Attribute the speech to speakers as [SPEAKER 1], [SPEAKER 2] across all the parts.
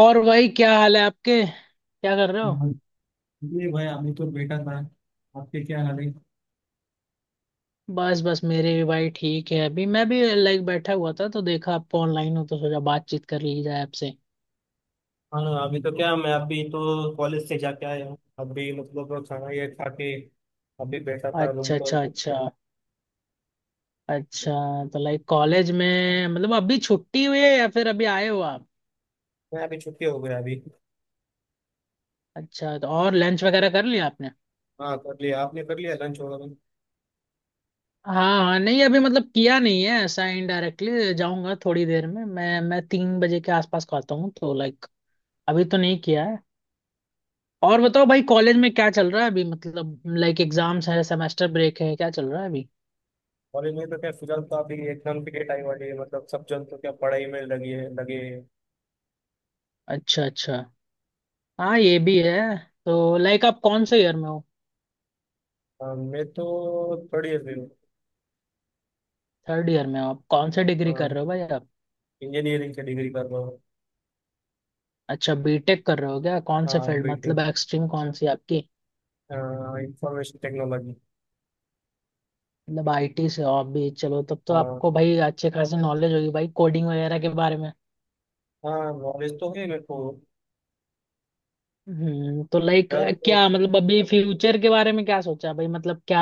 [SPEAKER 1] और भाई क्या हाल है आपके, क्या कर रहे हो?
[SPEAKER 2] ये भाई अभी तो बेटा था। आपके क्या हाल है?
[SPEAKER 1] बस बस मेरे भी भाई ठीक है। अभी मैं भी लाइक बैठा हुआ था तो देखा आप ऑनलाइन हो तो सोचा बातचीत कर ली जाए आपसे।
[SPEAKER 2] हाँ, अभी तो क्या, मैं अभी तो कॉलेज से जाके आया हूँ। अभी मतलब खाना ये खा के अभी बैठा था रूम
[SPEAKER 1] अच्छा
[SPEAKER 2] पर।
[SPEAKER 1] अच्छा अच्छा। अच्छा, तो लाइक कॉलेज में मतलब अभी छुट्टी हुई है या फिर अभी आए हो आप?
[SPEAKER 2] मैं अभी छुट्टी हो गया अभी।
[SPEAKER 1] अच्छा, तो और लंच वगैरह कर लिया आपने?
[SPEAKER 2] हाँ, कर लिया आपने, कर लिया लंच वगैरह।
[SPEAKER 1] हाँ हाँ, नहीं अभी मतलब किया नहीं है ऐसा। इनडायरेक्टली जाऊंगा थोड़ी देर में, मैं 3 बजे के आसपास खाता हूँ तो लाइक अभी तो नहीं किया है। और बताओ भाई, कॉलेज में क्या चल रहा है अभी? मतलब लाइक एग्जाम्स है, सेमेस्टर ब्रेक है, क्या चल रहा है अभी?
[SPEAKER 2] कॉलेज में तो क्या, फिलहाल तो अभी एग्जाम की डेट आई वाली है। मतलब सब जन तो क्या, पढ़ाई में लगे हैं।
[SPEAKER 1] अच्छा अच्छा। हाँ ये भी है। तो लाइक आप कौन से ईयर में हो?
[SPEAKER 2] हाँ, मैं तो थर्ड ईयर में हूँ।
[SPEAKER 1] थर्ड ईयर में हो? आप कौन से डिग्री कर
[SPEAKER 2] हाँ,
[SPEAKER 1] रहे हो भाई आप?
[SPEAKER 2] इंजीनियरिंग की डिग्री कर रहा हूँ।
[SPEAKER 1] अच्छा बीटेक कर रहे हो क्या? कौन से
[SPEAKER 2] हाँ,
[SPEAKER 1] फील्ड, मतलब
[SPEAKER 2] बीटेक
[SPEAKER 1] एक्सट्रीम कौन सी आपकी?
[SPEAKER 2] Information technology.
[SPEAKER 1] मतलब आईटी से हो आप भी? चलो, तब तो
[SPEAKER 2] हाँ
[SPEAKER 1] आपको भाई अच्छे खासे नॉलेज होगी भाई कोडिंग वगैरह के बारे में।
[SPEAKER 2] हाँ, नॉलेज तो है मेरे को।
[SPEAKER 1] हम्म, तो लाइक
[SPEAKER 2] ट्वेल्थ तो
[SPEAKER 1] क्या मतलब अभी फ्यूचर के बारे में क्या सोचा भाई, मतलब क्या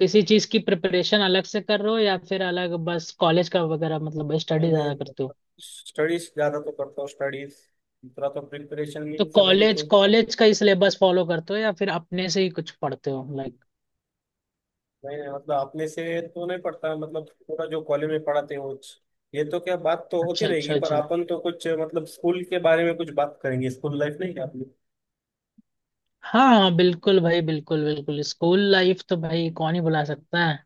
[SPEAKER 1] किसी चीज की प्रिपरेशन अलग से कर रहे हो या फिर अलग बस कॉलेज का वगैरह मतलब स्टडी ज्यादा
[SPEAKER 2] मैंने
[SPEAKER 1] करते हो?
[SPEAKER 2] स्टडीज ज़्यादा तो करता हूँ स्टडीज। दूसरा तो प्रिपरेशन
[SPEAKER 1] तो
[SPEAKER 2] मीन्स मेरी
[SPEAKER 1] कॉलेज
[SPEAKER 2] तो।
[SPEAKER 1] कॉलेज का ही सिलेबस फॉलो करते हो या फिर अपने से ही कुछ पढ़ते हो लाइक?
[SPEAKER 2] मैंने मतलब अपने से तो नहीं पढ़ता, मतलब पूरा जो कॉलेज में पढ़ाते हैं वो। ये तो क्या, बात तो होती
[SPEAKER 1] अच्छा
[SPEAKER 2] रहेगी,
[SPEAKER 1] अच्छा
[SPEAKER 2] पर
[SPEAKER 1] अच्छा।
[SPEAKER 2] अपन तो कुछ मतलब स्कूल के बारे में कुछ बात करेंगे, स्कूल लाइफ नहीं क्या अपनी।
[SPEAKER 1] हाँ हाँ, बिल्कुल भाई, बिल्कुल बिल्कुल। स्कूल लाइफ तो भाई कौन ही भुला सकता है।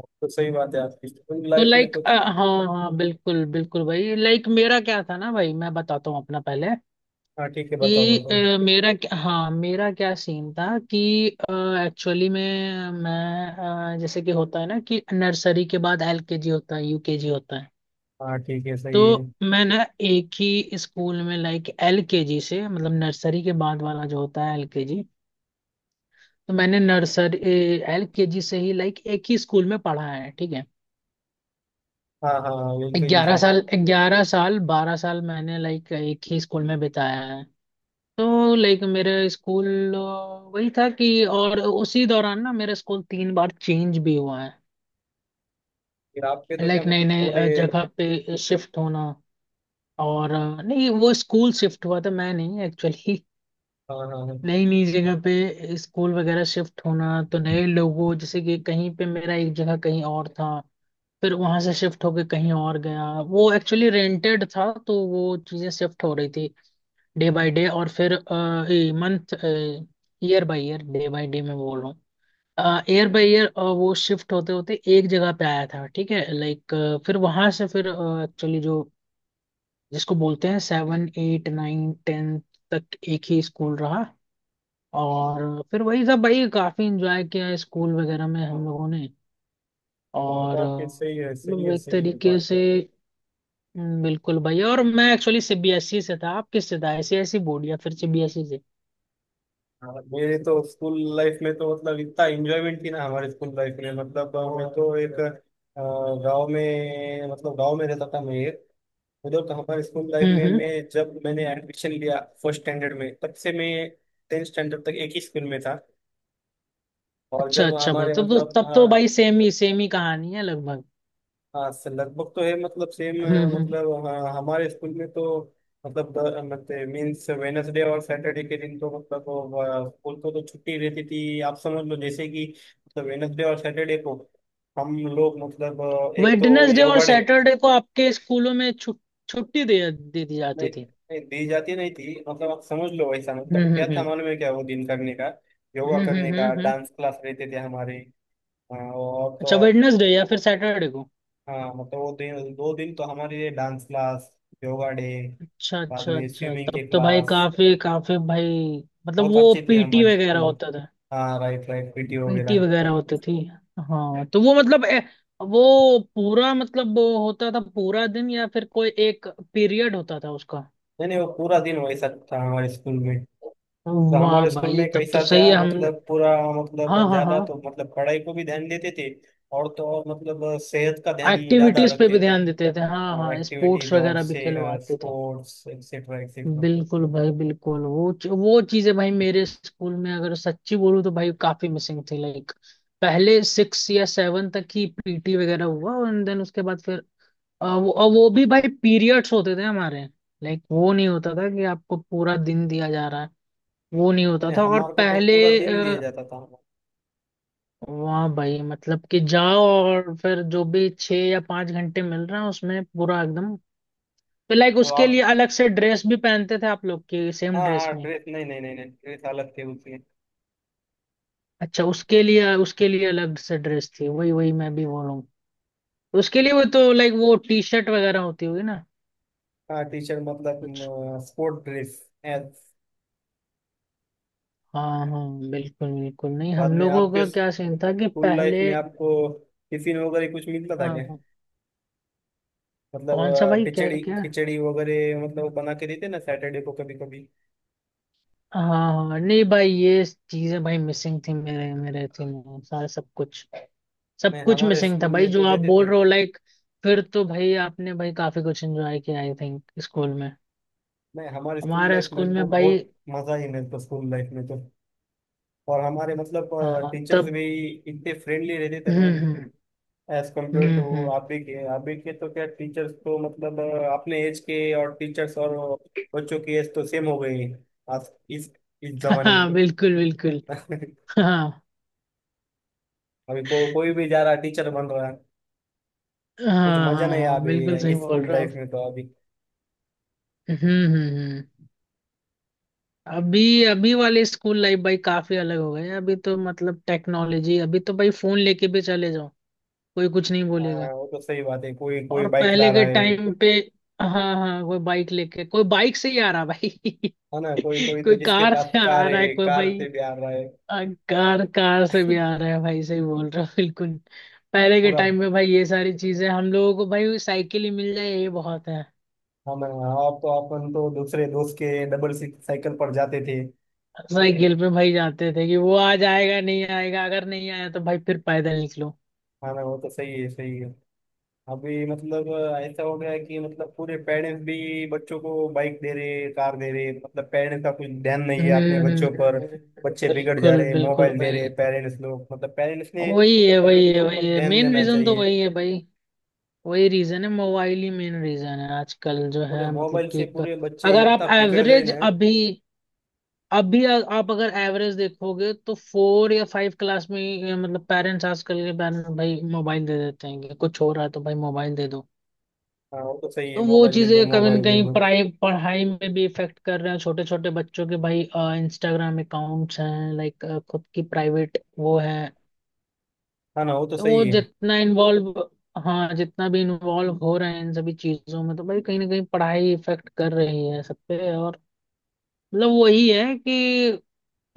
[SPEAKER 2] तो सही बात है आपकी, स्कूल
[SPEAKER 1] तो
[SPEAKER 2] लाइफ में
[SPEAKER 1] लाइक
[SPEAKER 2] तो।
[SPEAKER 1] हाँ हाँ, बिल्कुल बिल्कुल भाई। लाइक मेरा क्या था ना भाई, मैं बताता हूँ अपना पहले
[SPEAKER 2] हाँ ठीक है, बताओ
[SPEAKER 1] कि
[SPEAKER 2] बताओ।
[SPEAKER 1] हाँ मेरा क्या सीन था कि एक्चुअली में मैं जैसे कि होता है ना कि नर्सरी के बाद एलकेजी होता है, यूकेजी होता है।
[SPEAKER 2] हाँ ठीक है,
[SPEAKER 1] तो
[SPEAKER 2] सही है।
[SPEAKER 1] मैं ना एक ही स्कूल में लाइक एलकेजी से, मतलब नर्सरी के बाद वाला जो होता है एलकेजी, तो मैंने नर्सरी एलकेजी से ही लाइक एक ही स्कूल में पढ़ा है, ठीक है।
[SPEAKER 2] हाँ हाँ हाँ, बिल्कुल ही
[SPEAKER 1] ग्यारह
[SPEAKER 2] सही।
[SPEAKER 1] साल 11 साल 12 साल मैंने लाइक एक ही स्कूल में बिताया है। तो लाइक मेरा स्कूल वही था कि, और उसी दौरान ना मेरा स्कूल 3 बार चेंज भी हुआ है।
[SPEAKER 2] फिर आपके तो क्या
[SPEAKER 1] लाइक नए
[SPEAKER 2] मतलब पूरे।
[SPEAKER 1] नए जगह पे शिफ्ट होना। और नहीं, वो स्कूल शिफ्ट हुआ था, मैं नहीं एक्चुअली।
[SPEAKER 2] हाँ हाँ हाँ।
[SPEAKER 1] नई नई जगह पे स्कूल वगैरह शिफ्ट होना, तो नए लोगों जैसे कि कहीं पे मेरा एक जगह कहीं और था, फिर वहां से शिफ्ट होके कहीं और गया। वो एक्चुअली रेंटेड था तो वो चीजें शिफ्ट हो रही थी डे बाय डे, और फिर month, year by year. Day by day मैं बोल रहा हूँ, ईयर बाय ईयर। वो शिफ्ट होते होते एक जगह पे आया था, ठीक है। लाइक फिर वहां से फिर एक्चुअली जो जिसको बोलते हैं 7 8 9 10 तक एक ही स्कूल रहा। और फिर वही सब भाई, काफी इंजॉय किया स्कूल वगैरह में हम लोगों ने।
[SPEAKER 2] और तो
[SPEAKER 1] और
[SPEAKER 2] आपके सही है सही
[SPEAKER 1] मतलब
[SPEAKER 2] है
[SPEAKER 1] एक
[SPEAKER 2] सही है
[SPEAKER 1] तरीके
[SPEAKER 2] बात
[SPEAKER 1] से।
[SPEAKER 2] है।
[SPEAKER 1] बिल्कुल भाई। और मैं एक्चुअली सीबीएसई से था, आप किससे था, आईसीआईसी बोर्ड या फिर सीबीएसई से?
[SPEAKER 2] हाँ, मेरे तो स्कूल लाइफ में तो मतलब इतना एंजॉयमेंट थी ना हमारे स्कूल लाइफ में, मतलब मैं तो एक गांव में मतलब गांव में रहता था मैं एक। उधर तो हमारे स्कूल लाइफ में
[SPEAKER 1] हम्म।
[SPEAKER 2] मैं जब मैंने एडमिशन लिया फर्स्ट स्टैंडर्ड में तब से मैं टेंथ स्टैंडर्ड तक एक ही स्कूल में था। और
[SPEAKER 1] अच्छा
[SPEAKER 2] जब
[SPEAKER 1] अच्छा भाई,
[SPEAKER 2] हमारे मतलब
[SPEAKER 1] तब तो
[SPEAKER 2] हाँ।
[SPEAKER 1] भाई सेम ही कहानी है लगभग।
[SPEAKER 2] हाँ से लगभग तो है मतलब सेम।
[SPEAKER 1] हम्म।
[SPEAKER 2] मतलब हाँ, हमारे स्कूल में तो मतलब मतलब मीन्स वेनसडे और सैटरडे के दिन तो मतलब वो, स्कूल को तो छुट्टी रहती थी, आप समझ लो, जैसे कि मतलब वेनसडे और सैटरडे को हम लोग मतलब एक तो
[SPEAKER 1] वेडनेसडे और
[SPEAKER 2] योगा डे।
[SPEAKER 1] सैटरडे को आपके स्कूलों में छुट्टी दे दे दी जाती
[SPEAKER 2] नहीं
[SPEAKER 1] थी?
[SPEAKER 2] नहीं, दी जाती नहीं थी, मतलब आप समझ लो, वैसा मतलब क्या था
[SPEAKER 1] हम्म।
[SPEAKER 2] मालूम है क्या वो दिन करने का। योगा
[SPEAKER 1] हम्म
[SPEAKER 2] करने
[SPEAKER 1] हम्म
[SPEAKER 2] का,
[SPEAKER 1] हम्म, हम्म।
[SPEAKER 2] डांस क्लास रहते थे हमारे। और
[SPEAKER 1] अच्छा,
[SPEAKER 2] तो।
[SPEAKER 1] वेडनेसडे या फिर सैटरडे को?
[SPEAKER 2] हाँ, मतलब वो दिन दो दिन तो हमारे लिए डांस क्लास, योगा डे,
[SPEAKER 1] अच्छा
[SPEAKER 2] बाद
[SPEAKER 1] अच्छा
[SPEAKER 2] में
[SPEAKER 1] अच्छा,
[SPEAKER 2] स्विमिंग के
[SPEAKER 1] तब तो भाई
[SPEAKER 2] क्लास।
[SPEAKER 1] काफी काफी भाई। मतलब
[SPEAKER 2] बहुत
[SPEAKER 1] वो
[SPEAKER 2] अच्छे थे
[SPEAKER 1] पीटी
[SPEAKER 2] हमारे
[SPEAKER 1] वगैरह
[SPEAKER 2] स्कूल।
[SPEAKER 1] होता था?
[SPEAKER 2] हाँ, राइट राइट, पीटी
[SPEAKER 1] पीटी
[SPEAKER 2] वगैरह।
[SPEAKER 1] वगैरह होती थी? हाँ तो वो मतलब वो पूरा मतलब वो होता था पूरा दिन या फिर कोई एक पीरियड होता था उसका?
[SPEAKER 2] नहीं नहीं, वो पूरा दिन वैसा था हमारे स्कूल में। तो
[SPEAKER 1] वाह
[SPEAKER 2] हमारे स्कूल
[SPEAKER 1] भाई
[SPEAKER 2] में
[SPEAKER 1] तब तो
[SPEAKER 2] कैसा
[SPEAKER 1] सही
[SPEAKER 2] था
[SPEAKER 1] है। हम
[SPEAKER 2] मतलब पूरा, मतलब
[SPEAKER 1] हाँ हाँ हाँ,
[SPEAKER 2] ज्यादा तो मतलब पढ़ाई को भी ध्यान देते थे, और तो और मतलब सेहत का ध्यान ज्यादा
[SPEAKER 1] एक्टिविटीज पे
[SPEAKER 2] रखते
[SPEAKER 1] भी
[SPEAKER 2] थे।
[SPEAKER 1] ध्यान देते थे, हाँ हाँ, स्पोर्ट्स
[SPEAKER 2] एक्टिविटीज और
[SPEAKER 1] वगैरह भी
[SPEAKER 2] सेहत
[SPEAKER 1] खिलवाते थे।
[SPEAKER 2] Sports etcetera etcetera.
[SPEAKER 1] बिल्कुल भाई बिल्कुल। वो चीजें भाई मेरे स्कूल में अगर सच्ची बोलूँ तो भाई काफी मिसिंग थी लाइक। पहले 6 या 7 तक ही पीटी वगैरह हुआ, एंड देन उसके बाद फिर वो वो भी भाई पीरियड्स होते थे हमारे, लाइक वो नहीं होता था कि आपको पूरा दिन दिया जा रहा है। वो नहीं
[SPEAKER 2] नहीं
[SPEAKER 1] होता
[SPEAKER 2] नहीं,
[SPEAKER 1] था। और
[SPEAKER 2] हमारे को तो पूरा
[SPEAKER 1] पहले
[SPEAKER 2] दिन दिया जाता था।
[SPEAKER 1] वाह भाई, मतलब कि जाओ और फिर जो भी 6 या 5 घंटे मिल रहे हैं उसमें पूरा एकदम। तो लाइक
[SPEAKER 2] तो
[SPEAKER 1] उसके
[SPEAKER 2] आप।
[SPEAKER 1] लिए अलग से ड्रेस भी पहनते थे आप लोग? की सेम
[SPEAKER 2] हाँ
[SPEAKER 1] ड्रेस
[SPEAKER 2] हाँ,
[SPEAKER 1] में?
[SPEAKER 2] ड्रेस नहीं नहीं नहीं नहीं, ड्रेस अलग थी उसकी।
[SPEAKER 1] अच्छा, उसके लिए अलग से ड्रेस थी। वही वही मैं भी बोलूँ। उसके लिए वो तो लाइक वो टी शर्ट वगैरह होती होगी ना
[SPEAKER 2] हाँ, टी शर्ट
[SPEAKER 1] कुछ।
[SPEAKER 2] मतलब स्पोर्ट ड्रेस एज।
[SPEAKER 1] हाँ हाँ बिल्कुल बिल्कुल। नहीं,
[SPEAKER 2] बाद
[SPEAKER 1] हम
[SPEAKER 2] में
[SPEAKER 1] लोगों
[SPEAKER 2] आपके
[SPEAKER 1] का क्या सीन था कि
[SPEAKER 2] स्कूल लाइफ
[SPEAKER 1] पहले
[SPEAKER 2] में आपको टिफिन वगैरह कुछ मिलता था
[SPEAKER 1] हाँ
[SPEAKER 2] क्या?
[SPEAKER 1] हाँ।
[SPEAKER 2] मतलब
[SPEAKER 1] कौन सा भाई, क्या
[SPEAKER 2] खिचड़ी
[SPEAKER 1] क्या?
[SPEAKER 2] खिचड़ी वगैरह मतलब वो बना के देते ना सैटरडे को कभी कभी।
[SPEAKER 1] हाँ हाँ, नहीं भाई ये चीजें भाई मिसिंग थी मेरे मेरे थी मेरे सारा सब कुछ, सब
[SPEAKER 2] नहीं,
[SPEAKER 1] कुछ
[SPEAKER 2] हमारे
[SPEAKER 1] मिसिंग था
[SPEAKER 2] स्कूल
[SPEAKER 1] भाई
[SPEAKER 2] में तो
[SPEAKER 1] जो आप
[SPEAKER 2] देते
[SPEAKER 1] बोल
[SPEAKER 2] थे।
[SPEAKER 1] रहे हो लाइक। फिर तो भाई आपने भाई काफी कुछ एंजॉय किया आई थिंक स्कूल,
[SPEAKER 2] नहीं, हमारे स्कूल
[SPEAKER 1] हमारा
[SPEAKER 2] लाइफ में
[SPEAKER 1] स्कूल
[SPEAKER 2] को
[SPEAKER 1] में भाई।
[SPEAKER 2] बहुत मजा ही मिलता स्कूल लाइफ में तो। और हमारे मतलब
[SPEAKER 1] हाँ
[SPEAKER 2] टीचर्स
[SPEAKER 1] तब।
[SPEAKER 2] भी इतने फ्रेंडली रहते थे ना
[SPEAKER 1] हम्म हम्म
[SPEAKER 2] एज कम्पेयर
[SPEAKER 1] हम्म
[SPEAKER 2] टू।
[SPEAKER 1] हम्म,
[SPEAKER 2] आप भी के तो क्या, टीचर्स तो मतलब अपने एज के और टीचर्स और बच्चों की एज तो सेम हो गई है, आज इस इस जमाने में
[SPEAKER 1] हाँ
[SPEAKER 2] तो।
[SPEAKER 1] बिल्कुल बिल्कुल। हाँ
[SPEAKER 2] अभी कोई भी जा रहा टीचर बन रहा है।
[SPEAKER 1] हाँ
[SPEAKER 2] कुछ मजा
[SPEAKER 1] हाँ,
[SPEAKER 2] नहीं है
[SPEAKER 1] हाँ, बिल्कुल
[SPEAKER 2] अभी
[SPEAKER 1] सही बोल
[SPEAKER 2] स्कूल
[SPEAKER 1] रहे हो आप।
[SPEAKER 2] लाइफ में तो अभी।
[SPEAKER 1] हम्म हम्म हम्म। अभी अभी वाले स्कूल लाइफ भाई काफी अलग हो गए हैं। अभी तो मतलब टेक्नोलॉजी, अभी तो भाई फोन लेके भी चले जाओ कोई कुछ नहीं
[SPEAKER 2] अ,
[SPEAKER 1] बोलेगा।
[SPEAKER 2] वो तो सही बात है, कोई कोई
[SPEAKER 1] और
[SPEAKER 2] बाइक ला
[SPEAKER 1] पहले
[SPEAKER 2] रहा
[SPEAKER 1] के
[SPEAKER 2] है
[SPEAKER 1] टाइम पे हाँ हाँ, कोई बाइक लेके, कोई बाइक से ही आ रहा भाई
[SPEAKER 2] है ना, कोई कोई तो
[SPEAKER 1] कोई
[SPEAKER 2] जिसके
[SPEAKER 1] कार
[SPEAKER 2] पास
[SPEAKER 1] से आ
[SPEAKER 2] कार
[SPEAKER 1] रहा है
[SPEAKER 2] है
[SPEAKER 1] कोई
[SPEAKER 2] कार
[SPEAKER 1] भाई।
[SPEAKER 2] से भी आ रहा है।
[SPEAKER 1] आ, कार, कार से भी आ रहा है भाई, सही बोल रहा हो बिल्कुल। पहले के
[SPEAKER 2] पूरा
[SPEAKER 1] टाइम में भाई ये सारी चीजें हम लोगों को भाई साइकिल ही मिल जाए ये बहुत है।
[SPEAKER 2] हम और तो अपन तो दूसरे दोस्त के डबल साइकिल पर जाते थे।
[SPEAKER 1] साइकिल पे भाई जाते थे कि वो आज आएगा नहीं आएगा, अगर नहीं आया तो भाई फिर पैदल निकलो।
[SPEAKER 2] हाँ ना, वो तो सही है सही है। अभी मतलब ऐसा हो गया है कि मतलब पूरे पेरेंट्स भी बच्चों को बाइक दे रहे कार दे रहे, मतलब पेरेंट्स का कुछ ध्यान नहीं है अपने
[SPEAKER 1] हम्म हम्म,
[SPEAKER 2] बच्चों पर। बच्चे बिगड़ जा
[SPEAKER 1] बिल्कुल
[SPEAKER 2] रहे,
[SPEAKER 1] बिल्कुल
[SPEAKER 2] मोबाइल दे रहे
[SPEAKER 1] भाई।
[SPEAKER 2] पेरेंट्स लोग, मतलब पेरेंट्स ने
[SPEAKER 1] वही है
[SPEAKER 2] बच्चों
[SPEAKER 1] वही
[SPEAKER 2] के
[SPEAKER 1] है वही
[SPEAKER 2] ऊपर
[SPEAKER 1] है,
[SPEAKER 2] ध्यान
[SPEAKER 1] मेन
[SPEAKER 2] देना
[SPEAKER 1] रीजन तो
[SPEAKER 2] चाहिए।
[SPEAKER 1] वही है भाई। वही रीजन है, मोबाइल ही मेन रीजन है आजकल जो
[SPEAKER 2] पूरे
[SPEAKER 1] है मतलब
[SPEAKER 2] मोबाइल
[SPEAKER 1] कि
[SPEAKER 2] से पूरे बच्चे
[SPEAKER 1] अगर
[SPEAKER 2] इतना
[SPEAKER 1] आप
[SPEAKER 2] बिगड़ गए
[SPEAKER 1] एवरेज
[SPEAKER 2] ना।
[SPEAKER 1] अभी, आप अगर एवरेज देखोगे तो 4 या 5 क्लास में ही, मतलब पेरेंट्स, आजकल के पेरेंट्स भाई मोबाइल दे देते हैं कि कुछ हो रहा है तो भाई मोबाइल दे दो।
[SPEAKER 2] हाँ, वो तो सही है,
[SPEAKER 1] तो वो
[SPEAKER 2] मोबाइल दे दो
[SPEAKER 1] चीजें कभी ना
[SPEAKER 2] मोबाइल दे
[SPEAKER 1] कहीं
[SPEAKER 2] दो।
[SPEAKER 1] पढ़ाई, पढ़ाई में भी इफेक्ट कर रहे हैं छोटे छोटे बच्चों के भाई। इंस्टाग्राम अकाउंट्स हैं लाइक, खुद की प्राइवेट वो है।
[SPEAKER 2] हाँ ना, वो तो
[SPEAKER 1] तो वो
[SPEAKER 2] सही है।
[SPEAKER 1] जितना इन्वॉल्व, हाँ जितना भी इन्वॉल्व हो रहे हैं इन सभी चीजों में तो भाई कहीं ना कहीं पढ़ाई इफेक्ट कर रही है सब पे। और मतलब वही है कि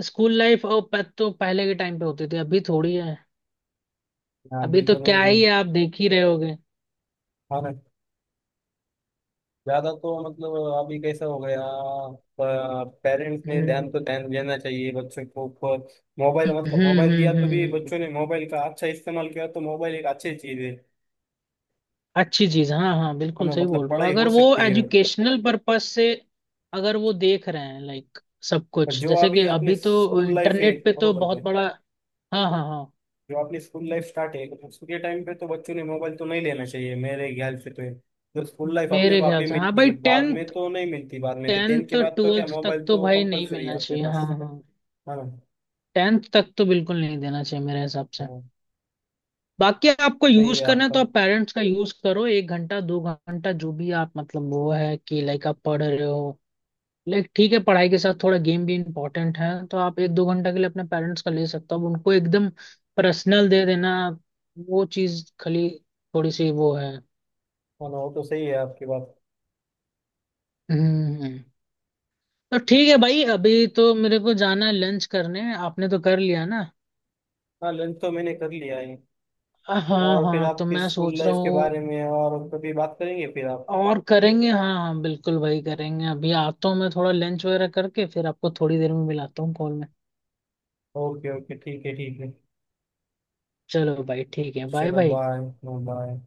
[SPEAKER 1] स्कूल लाइफ और तो पहले के टाइम पे होती थी, अभी थोड़ी है।
[SPEAKER 2] हाँ,
[SPEAKER 1] अभी
[SPEAKER 2] अभी
[SPEAKER 1] तो
[SPEAKER 2] तो नहीं
[SPEAKER 1] क्या
[SPEAKER 2] है।
[SPEAKER 1] ही है, आप देख ही रहे होगे।
[SPEAKER 2] हाँ ना। ज्यादा तो मतलब अभी कैसा हो गया। पेरेंट्स ने ध्यान
[SPEAKER 1] हम्म
[SPEAKER 2] तो ध्यान देना चाहिए बच्चों को ऊपर। मोबाइल
[SPEAKER 1] हम्म
[SPEAKER 2] मतलब
[SPEAKER 1] हम्म
[SPEAKER 2] मोबाइल दिया तो भी
[SPEAKER 1] हम्म, हम्म।
[SPEAKER 2] बच्चों ने मोबाइल का अच्छा इस्तेमाल किया तो मोबाइल एक अच्छी चीज है।
[SPEAKER 1] अच्छी चीज, हाँ हाँ बिल्कुल
[SPEAKER 2] हमें
[SPEAKER 1] सही
[SPEAKER 2] मतलब
[SPEAKER 1] बोल रहे हो,
[SPEAKER 2] पढ़ाई
[SPEAKER 1] अगर
[SPEAKER 2] हो
[SPEAKER 1] वो
[SPEAKER 2] सकती है।
[SPEAKER 1] एजुकेशनल पर्पस से, अगर वो देख रहे हैं लाइक, सब
[SPEAKER 2] पर
[SPEAKER 1] कुछ
[SPEAKER 2] जो
[SPEAKER 1] जैसे
[SPEAKER 2] अभी
[SPEAKER 1] कि
[SPEAKER 2] अपनी
[SPEAKER 1] अभी तो
[SPEAKER 2] स्कूल लाइफ है
[SPEAKER 1] इंटरनेट पे तो
[SPEAKER 2] बरोबर है,
[SPEAKER 1] बहुत बड़ा। हाँ हाँ हाँ।
[SPEAKER 2] जो अपनी स्कूल लाइफ स्टार्ट है उसके टाइम पे तो बच्चों ने मोबाइल तो नहीं लेना चाहिए मेरे ख्याल से तो ये। जो स्कूल लाइफ अपने
[SPEAKER 1] मेरे
[SPEAKER 2] को
[SPEAKER 1] ख्याल
[SPEAKER 2] अभी
[SPEAKER 1] से हाँ
[SPEAKER 2] मिलती
[SPEAKER 1] भाई,
[SPEAKER 2] है, बाद में
[SPEAKER 1] टेंथ
[SPEAKER 2] तो नहीं मिलती, बाद में तो टेंथ
[SPEAKER 1] टेंथ
[SPEAKER 2] के बाद तो क्या
[SPEAKER 1] ट्वेल्थ तक
[SPEAKER 2] मोबाइल
[SPEAKER 1] तो
[SPEAKER 2] तो
[SPEAKER 1] भाई नहीं
[SPEAKER 2] कंपलसरी है
[SPEAKER 1] मिलना
[SPEAKER 2] अपने
[SPEAKER 1] चाहिए, हाँ
[SPEAKER 2] पास,
[SPEAKER 1] हाँ।
[SPEAKER 2] है ना।
[SPEAKER 1] टेंथ तक तो बिल्कुल नहीं देना चाहिए मेरे हिसाब से।
[SPEAKER 2] हाँ,
[SPEAKER 1] बाकी आपको
[SPEAKER 2] सही
[SPEAKER 1] यूज
[SPEAKER 2] है
[SPEAKER 1] करना है
[SPEAKER 2] आपका।
[SPEAKER 1] तो आप पेरेंट्स का यूज करो, 1 घंटा 2 घंटा, जो भी आप मतलब वो है कि लाइक आप पढ़ रहे हो, लाइक ठीक है पढ़ाई के साथ थोड़ा गेम भी इम्पोर्टेंट है, तो आप 1 2 घंटा के लिए अपने पेरेंट्स का ले सकते हो। अब उनको एकदम पर्सनल दे देना वो चीज खाली थोड़ी सी वो है।
[SPEAKER 2] हाँ ना, वो तो सही है आपकी बात।
[SPEAKER 1] हम्म। तो ठीक है भाई, अभी तो मेरे को जाना है लंच करने, आपने तो कर लिया ना?
[SPEAKER 2] हाँ, लंच तो मैंने कर लिया है।
[SPEAKER 1] हाँ
[SPEAKER 2] और फिर
[SPEAKER 1] हाँ। तो
[SPEAKER 2] आपकी
[SPEAKER 1] मैं
[SPEAKER 2] स्कूल
[SPEAKER 1] सोच रहा
[SPEAKER 2] लाइफ के
[SPEAKER 1] हूँ,
[SPEAKER 2] बारे में और कभी बात करेंगे फिर आप।
[SPEAKER 1] और करेंगे हाँ हाँ, बिल्कुल भाई करेंगे। अभी आता हूँ मैं थोड़ा लंच वगैरह करके, फिर आपको थोड़ी देर में मिलाता हूँ कॉल में।
[SPEAKER 2] ओके ओके, ठीक है ठीक है।
[SPEAKER 1] चलो भाई ठीक है, बाय
[SPEAKER 2] चलो
[SPEAKER 1] भाई।
[SPEAKER 2] बाय। बाय।